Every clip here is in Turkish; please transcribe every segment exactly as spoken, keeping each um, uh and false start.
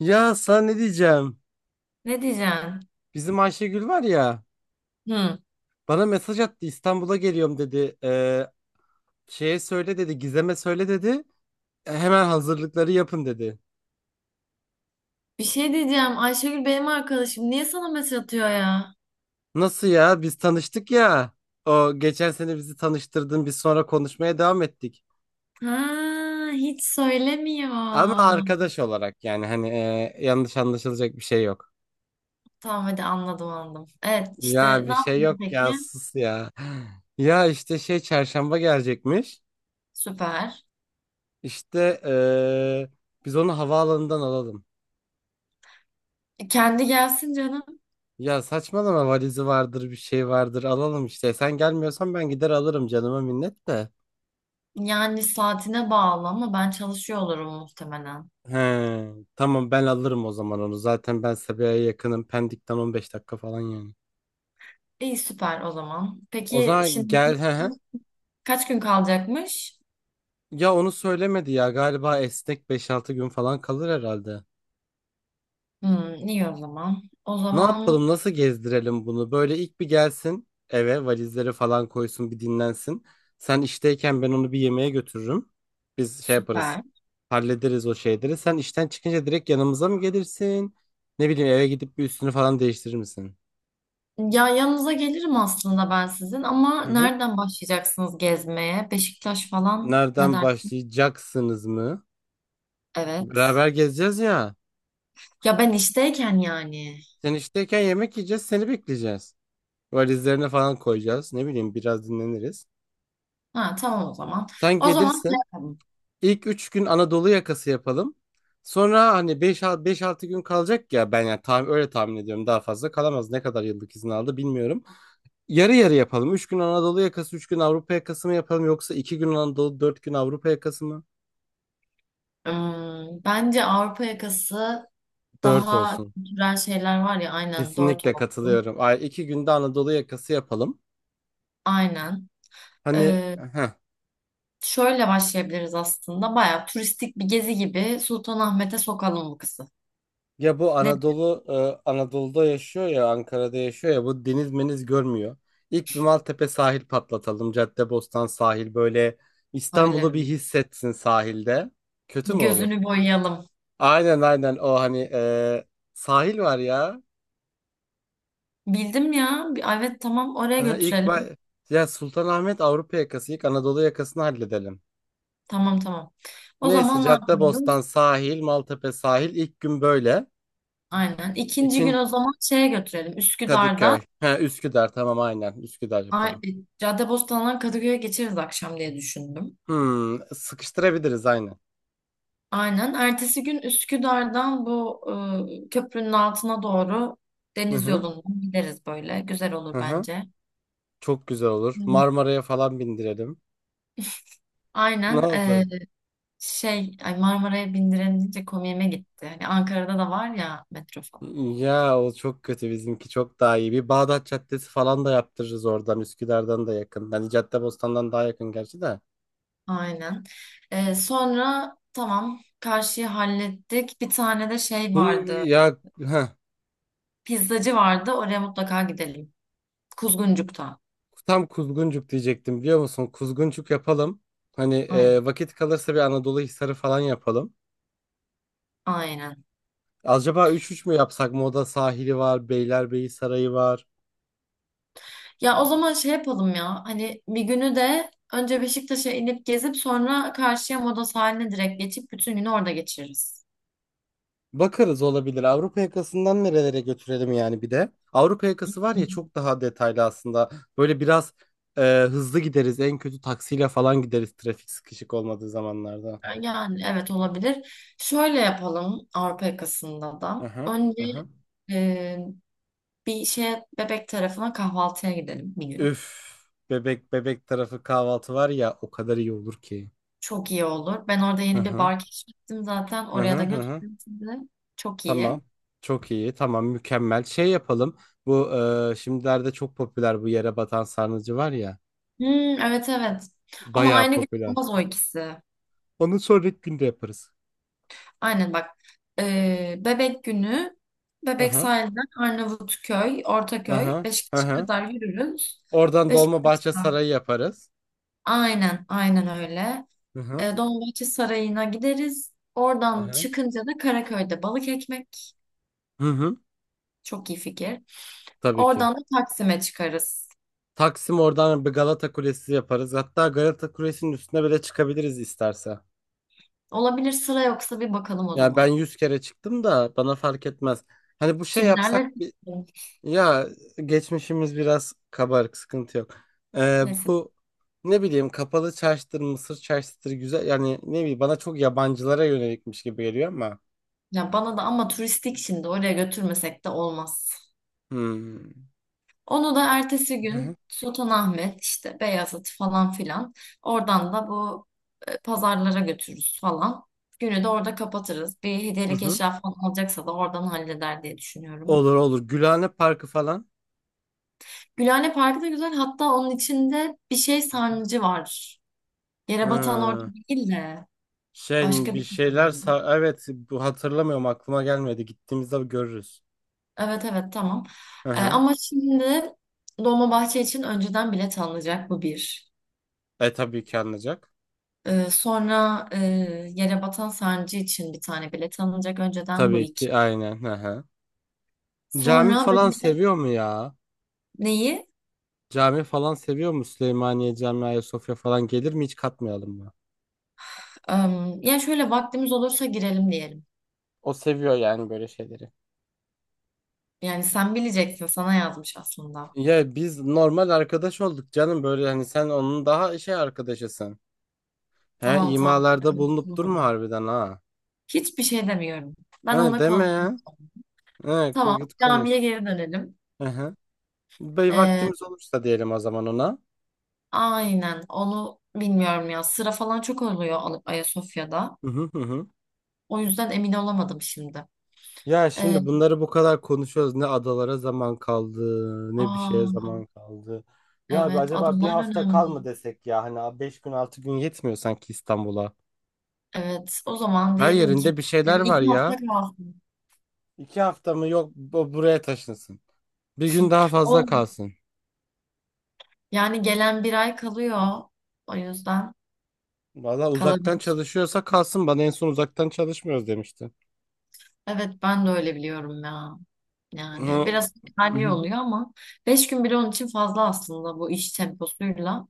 Ya sana ne diyeceğim? Ne diyeceğim? Bizim Ayşegül var ya, Hı. bana mesaj attı, İstanbul'a geliyorum dedi. Ee, şeye söyle dedi, Gizem'e söyle dedi. E, hemen hazırlıkları yapın dedi. Bir şey diyeceğim. Ayşegül benim arkadaşım. Niye sana mesaj atıyor ya? Nasıl ya, biz tanıştık ya. O geçen sene bizi tanıştırdın, biz sonra konuşmaya devam ettik. Ha, hiç söylemiyor. Ama arkadaş olarak, yani hani e, yanlış anlaşılacak bir şey yok. Tamam, hadi anladım anladım. Evet, işte Ya bir ne şey yaptın yok ya, peki? sus ya. Ya işte şey, çarşamba gelecekmiş. Süper. İşte e, biz onu havaalanından alalım. E, Kendi gelsin canım. Ya saçmalama, valizi vardır bir şey vardır, alalım işte. Sen gelmiyorsan ben gider alırım, canıma minnet de. Yani saatine bağlı ama ben çalışıyor olurum muhtemelen. He, tamam, ben alırım o zaman onu. Zaten ben Sabiha'ya yakınım. Pendik'ten on beş dakika falan yani. İyi, süper o zaman. O Peki zaman şimdi gel, he he. kaç gün kalacakmış? Ya onu söylemedi ya, galiba esnek beş altı gün falan kalır herhalde. Hmm, iyi o zaman. O Ne zaman yapalım, nasıl gezdirelim bunu? Böyle ilk bir gelsin eve, valizleri falan koysun, bir dinlensin. Sen işteyken ben onu bir yemeğe götürürüm. Biz şey yaparız, süper. hallederiz o şeyleri. Sen işten çıkınca direkt yanımıza mı gelirsin? Ne bileyim, eve gidip bir üstünü falan değiştirir misin? Ya, yanınıza gelirim aslında ben sizin, ama Hı hı. nereden başlayacaksınız gezmeye? Beşiktaş falan ne Nereden dersin? başlayacaksınız mı? Evet. Beraber gezeceğiz ya. Ya ben işteyken yani. Sen işteyken yemek yiyeceğiz, seni bekleyeceğiz. Valizlerini falan koyacağız. Ne bileyim, biraz dinleniriz. Ha, tamam o zaman. Sen O zaman şey gelirsin. yapalım. İlk üç gün Anadolu yakası yapalım. Sonra hani beş altı gün kalacak ya, ben yani tahmin, öyle tahmin ediyorum daha fazla kalamaz. Ne kadar yıllık izin aldı bilmiyorum. Yarı yarı yapalım. Üç gün Anadolu yakası, üç gün Avrupa yakası mı yapalım, yoksa iki gün Anadolu, dört gün Avrupa yakası mı? Hmm, bence Avrupa yakası dört daha olsun. kültürel şeyler var ya, aynen dört Kesinlikle olsun. katılıyorum. Ay, iki günde Anadolu yakası yapalım. Aynen. Hani Ee, heh. Şöyle başlayabiliriz aslında. Baya turistik bir gezi gibi Sultanahmet'e sokalım bu kızı. Ya bu Ne, Anadolu e, Anadolu'da yaşıyor ya, Ankara'da yaşıyor ya, bu deniz meniz görmüyor. İlk bir Maltepe sahil patlatalım. Caddebostan sahil, böyle öyle İstanbul'u bir mi? hissetsin sahilde. Kötü Bir mü olur? gözünü boyayalım. Aynen aynen, o hani e, sahil var ya. Bildim ya. Bir- Evet, tamam, oraya İlk götürelim. ba- ya Sultanahmet Avrupa yakası, ilk Anadolu yakasını halledelim. Tamam, tamam. O Neyse, zaman ne yapıyoruz? Caddebostan sahil, Maltepe sahil ilk gün böyle. Aynen. İkinci gün İkinci o zaman şeye götürelim. Üsküdar'dan. Kadıköy. Ha, Üsküdar, tamam aynen, Üsküdar Ay- yapalım. e, Caddebostan'dan Kadıköy'e geçeriz akşam diye düşündüm. Hmm, sıkıştırabiliriz aynen. Aynen. Ertesi gün Üsküdar'dan bu e, köprünün altına doğru Hı deniz hı, yolundan gideriz böyle. Güzel hı olur hı. bence. Çok güzel olur. Hı. Marmara'ya falan bindirelim. Ne Aynen. e, oldu? Şey, ay, Marmara'ya bindirenince komiğime gitti. Hani Ankara'da da var ya, metro. Ya o çok kötü, bizimki çok daha iyi. Bir Bağdat Caddesi falan da yaptırırız, oradan Üsküdar'dan da yakın. Hani Caddebostan'dan daha yakın gerçi de. Aynen. Ee, sonra tamam, karşıyı hallettik. Bir tane de şey Bu- vardı. Ya heh, Pizzacı vardı. Oraya mutlaka gidelim. Kuzguncuk'ta. tam Kuzguncuk diyecektim biliyor musun? Kuzguncuk yapalım. Hani Aynen. e, vakit kalırsa bir Anadolu Hisarı falan yapalım. Aynen. Acaba üç üç mü yapsak? Moda sahili var, Beylerbeyi Sarayı var. Ya o zaman şey yapalım ya. Hani bir günü de önce Beşiktaş'a inip gezip sonra karşıya Moda sahiline direkt geçip bütün günü orada geçiririz. Bakarız, olabilir. Avrupa yakasından nerelere götürelim yani bir de. Avrupa yakası var Hı. ya, çok daha detaylı aslında. Böyle biraz e, hızlı gideriz. En kötü taksiyle falan gideriz, trafik sıkışık olmadığı zamanlarda. Yani evet, olabilir. Şöyle yapalım Avrupa yakasında da. Aha, Önce aha. e, bir şey, Bebek tarafına kahvaltıya gidelim bir gün. Üf. Bebek, bebek tarafı kahvaltı var ya, o kadar iyi olur ki. Çok iyi olur. Ben orada yeni bir Aha, bar keşfettim zaten. Oraya aha, da aha. götürürüm sizi. Çok Tamam. iyi. Çok iyi. Tamam, mükemmel. Şey yapalım. Bu e, şimdilerde çok popüler bu yere batan sarnıcı var ya. Hmm, evet, evet. Ama Bayağı aynı gün popüler. olmaz o ikisi. Onu sonraki günde yaparız. Aynen bak. Ee, Bebek günü Bebek Aha. sahilden Arnavutköy, Hı Ortaköy, hı. Hı Beşiktaş'a hı. kadar yürürüz. Oradan Dolmabahçe Beşiktaş'tan. Sarayı yaparız. Aynen, aynen öyle. Hı hı. Ee, Dolmabahçe Sarayı'na gideriz. Hı Oradan hı. çıkınca da Karaköy'de balık ekmek. Hı hı. Çok iyi fikir. Tabii ki. Oradan da Taksim'e çıkarız. Taksim, oradan bir Galata Kulesi yaparız. Hatta Galata Kulesi'nin üstüne bile çıkabiliriz isterse. Olabilir, sıra yoksa bir bakalım o Yani ben zaman. yüz kere çıktım da bana fark etmez. Hani bu şey yapsak Kimlerle? bir. Ya, geçmişimiz biraz kabarık, sıkıntı yok. Ee, Neyse. bu ne bileyim kapalı çarşıdır, Mısır çarşıdır, güzel yani, ne bileyim, bana çok yabancılara yönelikmiş gibi geliyor ama. Ya bana da, ama turistik, şimdi oraya götürmesek de olmaz. Hmm. Onu da ertesi Hı hı. gün Sultanahmet işte, Beyazıt falan filan, oradan da bu e, pazarlara götürürüz falan. Günü de orada kapatırız. Bir Hı hediyelik hı. eşya falan alacaksa da oradan halleder diye düşünüyorum. Olur olur. Gülhane Parkı falan. Gülhane Parkı da güzel. Hatta onun içinde bir şey Aha. sarnıcı var. Yere batan orada Ee, değil de şey başka bir bir şeyler tane. sa- evet bu hatırlamıyorum, aklıma gelmedi. Gittiğimizde görürüz. Evet, evet, tamam. Hı Ee, hı. ama şimdi Dolmabahçe için önceden bilet alınacak, bu bir. E tabii ki anlayacak. Ee, sonra e, Yere Batan Sancı için bir tane bilet alınacak önceden, bu Tabii iki. ki aynen. Hı hı. Cami Sonra falan bebek, seviyor mu ya? neyi? Cami falan seviyor mu? Süleymaniye Camii, Ayasofya falan gelir mi? Hiç katmayalım mı? Am, yani şöyle, vaktimiz olursa girelim diyelim. O seviyor yani böyle şeyleri. Yani sen bileceksin, sana yazmış aslında. Ya biz normal arkadaş olduk canım, böyle hani sen onun daha şey arkadaşısın. He, Tamam, tamam, ben imalarda bulunup konuştum durma onunla. harbiden ha. Hiçbir şey demiyorum. He, Ben ona deme ya. konuştum. He, ko- Tamam, git camiye konuş. geri dönelim. Aha. Bey, vaktimiz olursa diyelim o zaman ona. Aynen, onu bilmiyorum ya. Sıra falan çok oluyor Al- Ayasofya'da. Hı hı hı, hı. O yüzden emin olamadım şimdi. Ya Ee, şimdi bunları bu kadar konuşuyoruz. Ne adalara zaman kaldı, ne bir şeye aa, zaman kaldı. Ya abi, evet, acaba bir adalar hafta kal mı önemli. desek ya? Hani beş gün altı gün yetmiyor sanki İstanbul'a. Evet, o zaman Her diyelim ki yerinde bir şeyler böyle var iki hafta ya. kalsın. İki hafta mı, yok, bu- buraya taşınsın. Bir gün daha fazla Olur. kalsın. Yani gelen bir ay kalıyor. O yüzden Valla uzaktan kalabilir. çalışıyorsa kalsın. Bana en son uzaktan çalışmıyoruz demişti. Evet, ben de öyle biliyorum ya. Yani Hı. biraz Hı halli hı. oluyor ama beş gün bile onun için fazla aslında bu iş temposuyla.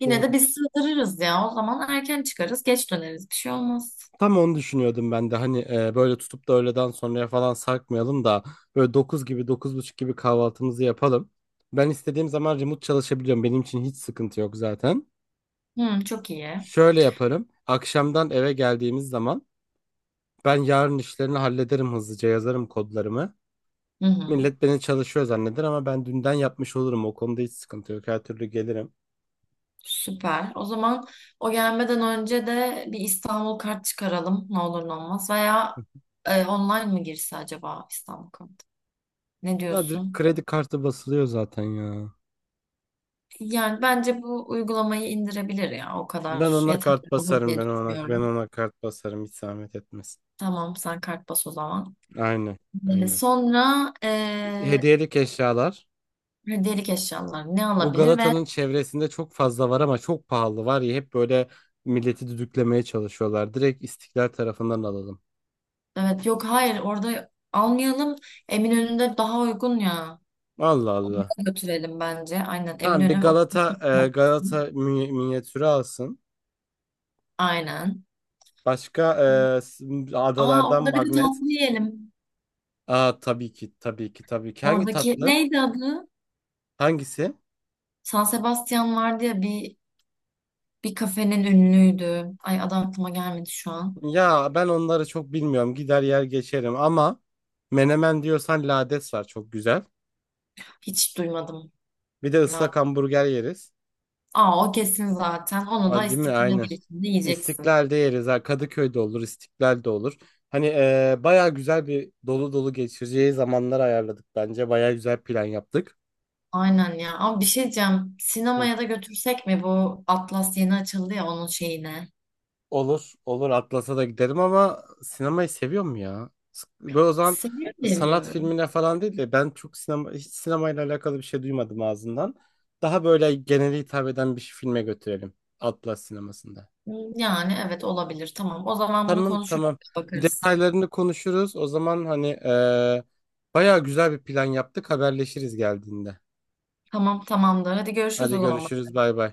Yine de Doğru. biz sığdırırız ya. O zaman erken çıkarız, geç döneriz. Bir şey olmaz. Tam onu düşünüyordum ben de, hani e, böyle tutup da öğleden sonraya falan sarkmayalım da böyle dokuz gibi dokuz buçuk gibi kahvaltımızı yapalım. Ben istediğim zaman remote çalışabiliyorum. Benim için hiç sıkıntı yok zaten. Hmm, çok iyi. Şöyle yaparım. Akşamdan eve geldiğimiz zaman ben yarın işlerini hallederim, hızlıca yazarım kodlarımı. Hı hı. Millet beni çalışıyor zanneder ama ben dünden yapmış olurum. O konuda hiç sıkıntı yok. Her türlü gelirim. Süper. O zaman o gelmeden önce de bir İstanbul kart çıkaralım. Ne olur ne olmaz. Veya e, online mı girse acaba İstanbul kart? Ne Ya direkt diyorsun? kredi kartı basılıyor zaten ya. Yani bence bu uygulamayı indirebilir ya. O Ben kadar ona kart yeterli olur basarım, diye ben ona ben düşünüyorum. ona kart basarım, hiç zahmet etmesin. Tamam, sen kart bas o zaman. Aynen. E, Aynen. sonra e, Hediyelik eşyalar. hediyelik eşyalar ne Bu alabilir? Ve Galata'nın çevresinde çok fazla var ama çok pahalı var ya, hep böyle milleti düdüklemeye çalışıyorlar. Direkt İstiklal tarafından alalım. evet, yok, hayır, orada almayalım. Eminönü'nde daha uygun ya. Allah Oraya Allah. götürelim bence. Aynen. Tamam bir Eminönü. Galata e, Galata mi- minyatürü alsın. Aynen. Başka e, s- Aa, adalardan orada bir de magnet. tatlı yiyelim. Aa, tabii ki tabii ki tabii ki. Hangi Oradaki tatlı? neydi adı? Hangisi? San Sebastian vardı ya, bir bir kafenin ünlüydü. Ay, adı aklıma gelmedi şu an. Ya ben onları çok bilmiyorum. Gider yer geçerim ama menemen diyorsan lades var, çok güzel. Hiç duymadım. Bir de La- ıslak hamburger yeriz. Aa, o kesin zaten. Onu da Aa, değil mi? İstiklal Aynen. girişinde yiyeceksin. İstiklal'de yeriz. Ha, Kadıköy'de olur, İstiklal'de olur. Hani eee baya güzel bir dolu dolu geçireceği zamanlar ayarladık bence. Baya güzel plan yaptık. Aynen ya. Ama bir şey diyeceğim. Hı. Sinemaya da götürsek mi, bu Atlas yeni açıldı ya, onun şeyine. Olur, olur. Atlas'a da giderim ama sinemayı seviyorum ya. S- Böyle o zaman Seviyor diye sanat biliyorum. filmine falan değil de, ben çok sinema, hiç sinemayla alakalı bir şey duymadım ağzından. Daha böyle genele hitap eden bir filme götürelim. Atlas sinemasında. Yani evet, olabilir. Tamam. O zaman bunu Tamam konuşuruz, tamam. bakarız. Detaylarını konuşuruz. O zaman hani eee bayağı güzel bir plan yaptık. Haberleşiriz geldiğinde. Tamam, tamamdır. Hadi görüşürüz o Hadi zaman. görüşürüz. Bay bay.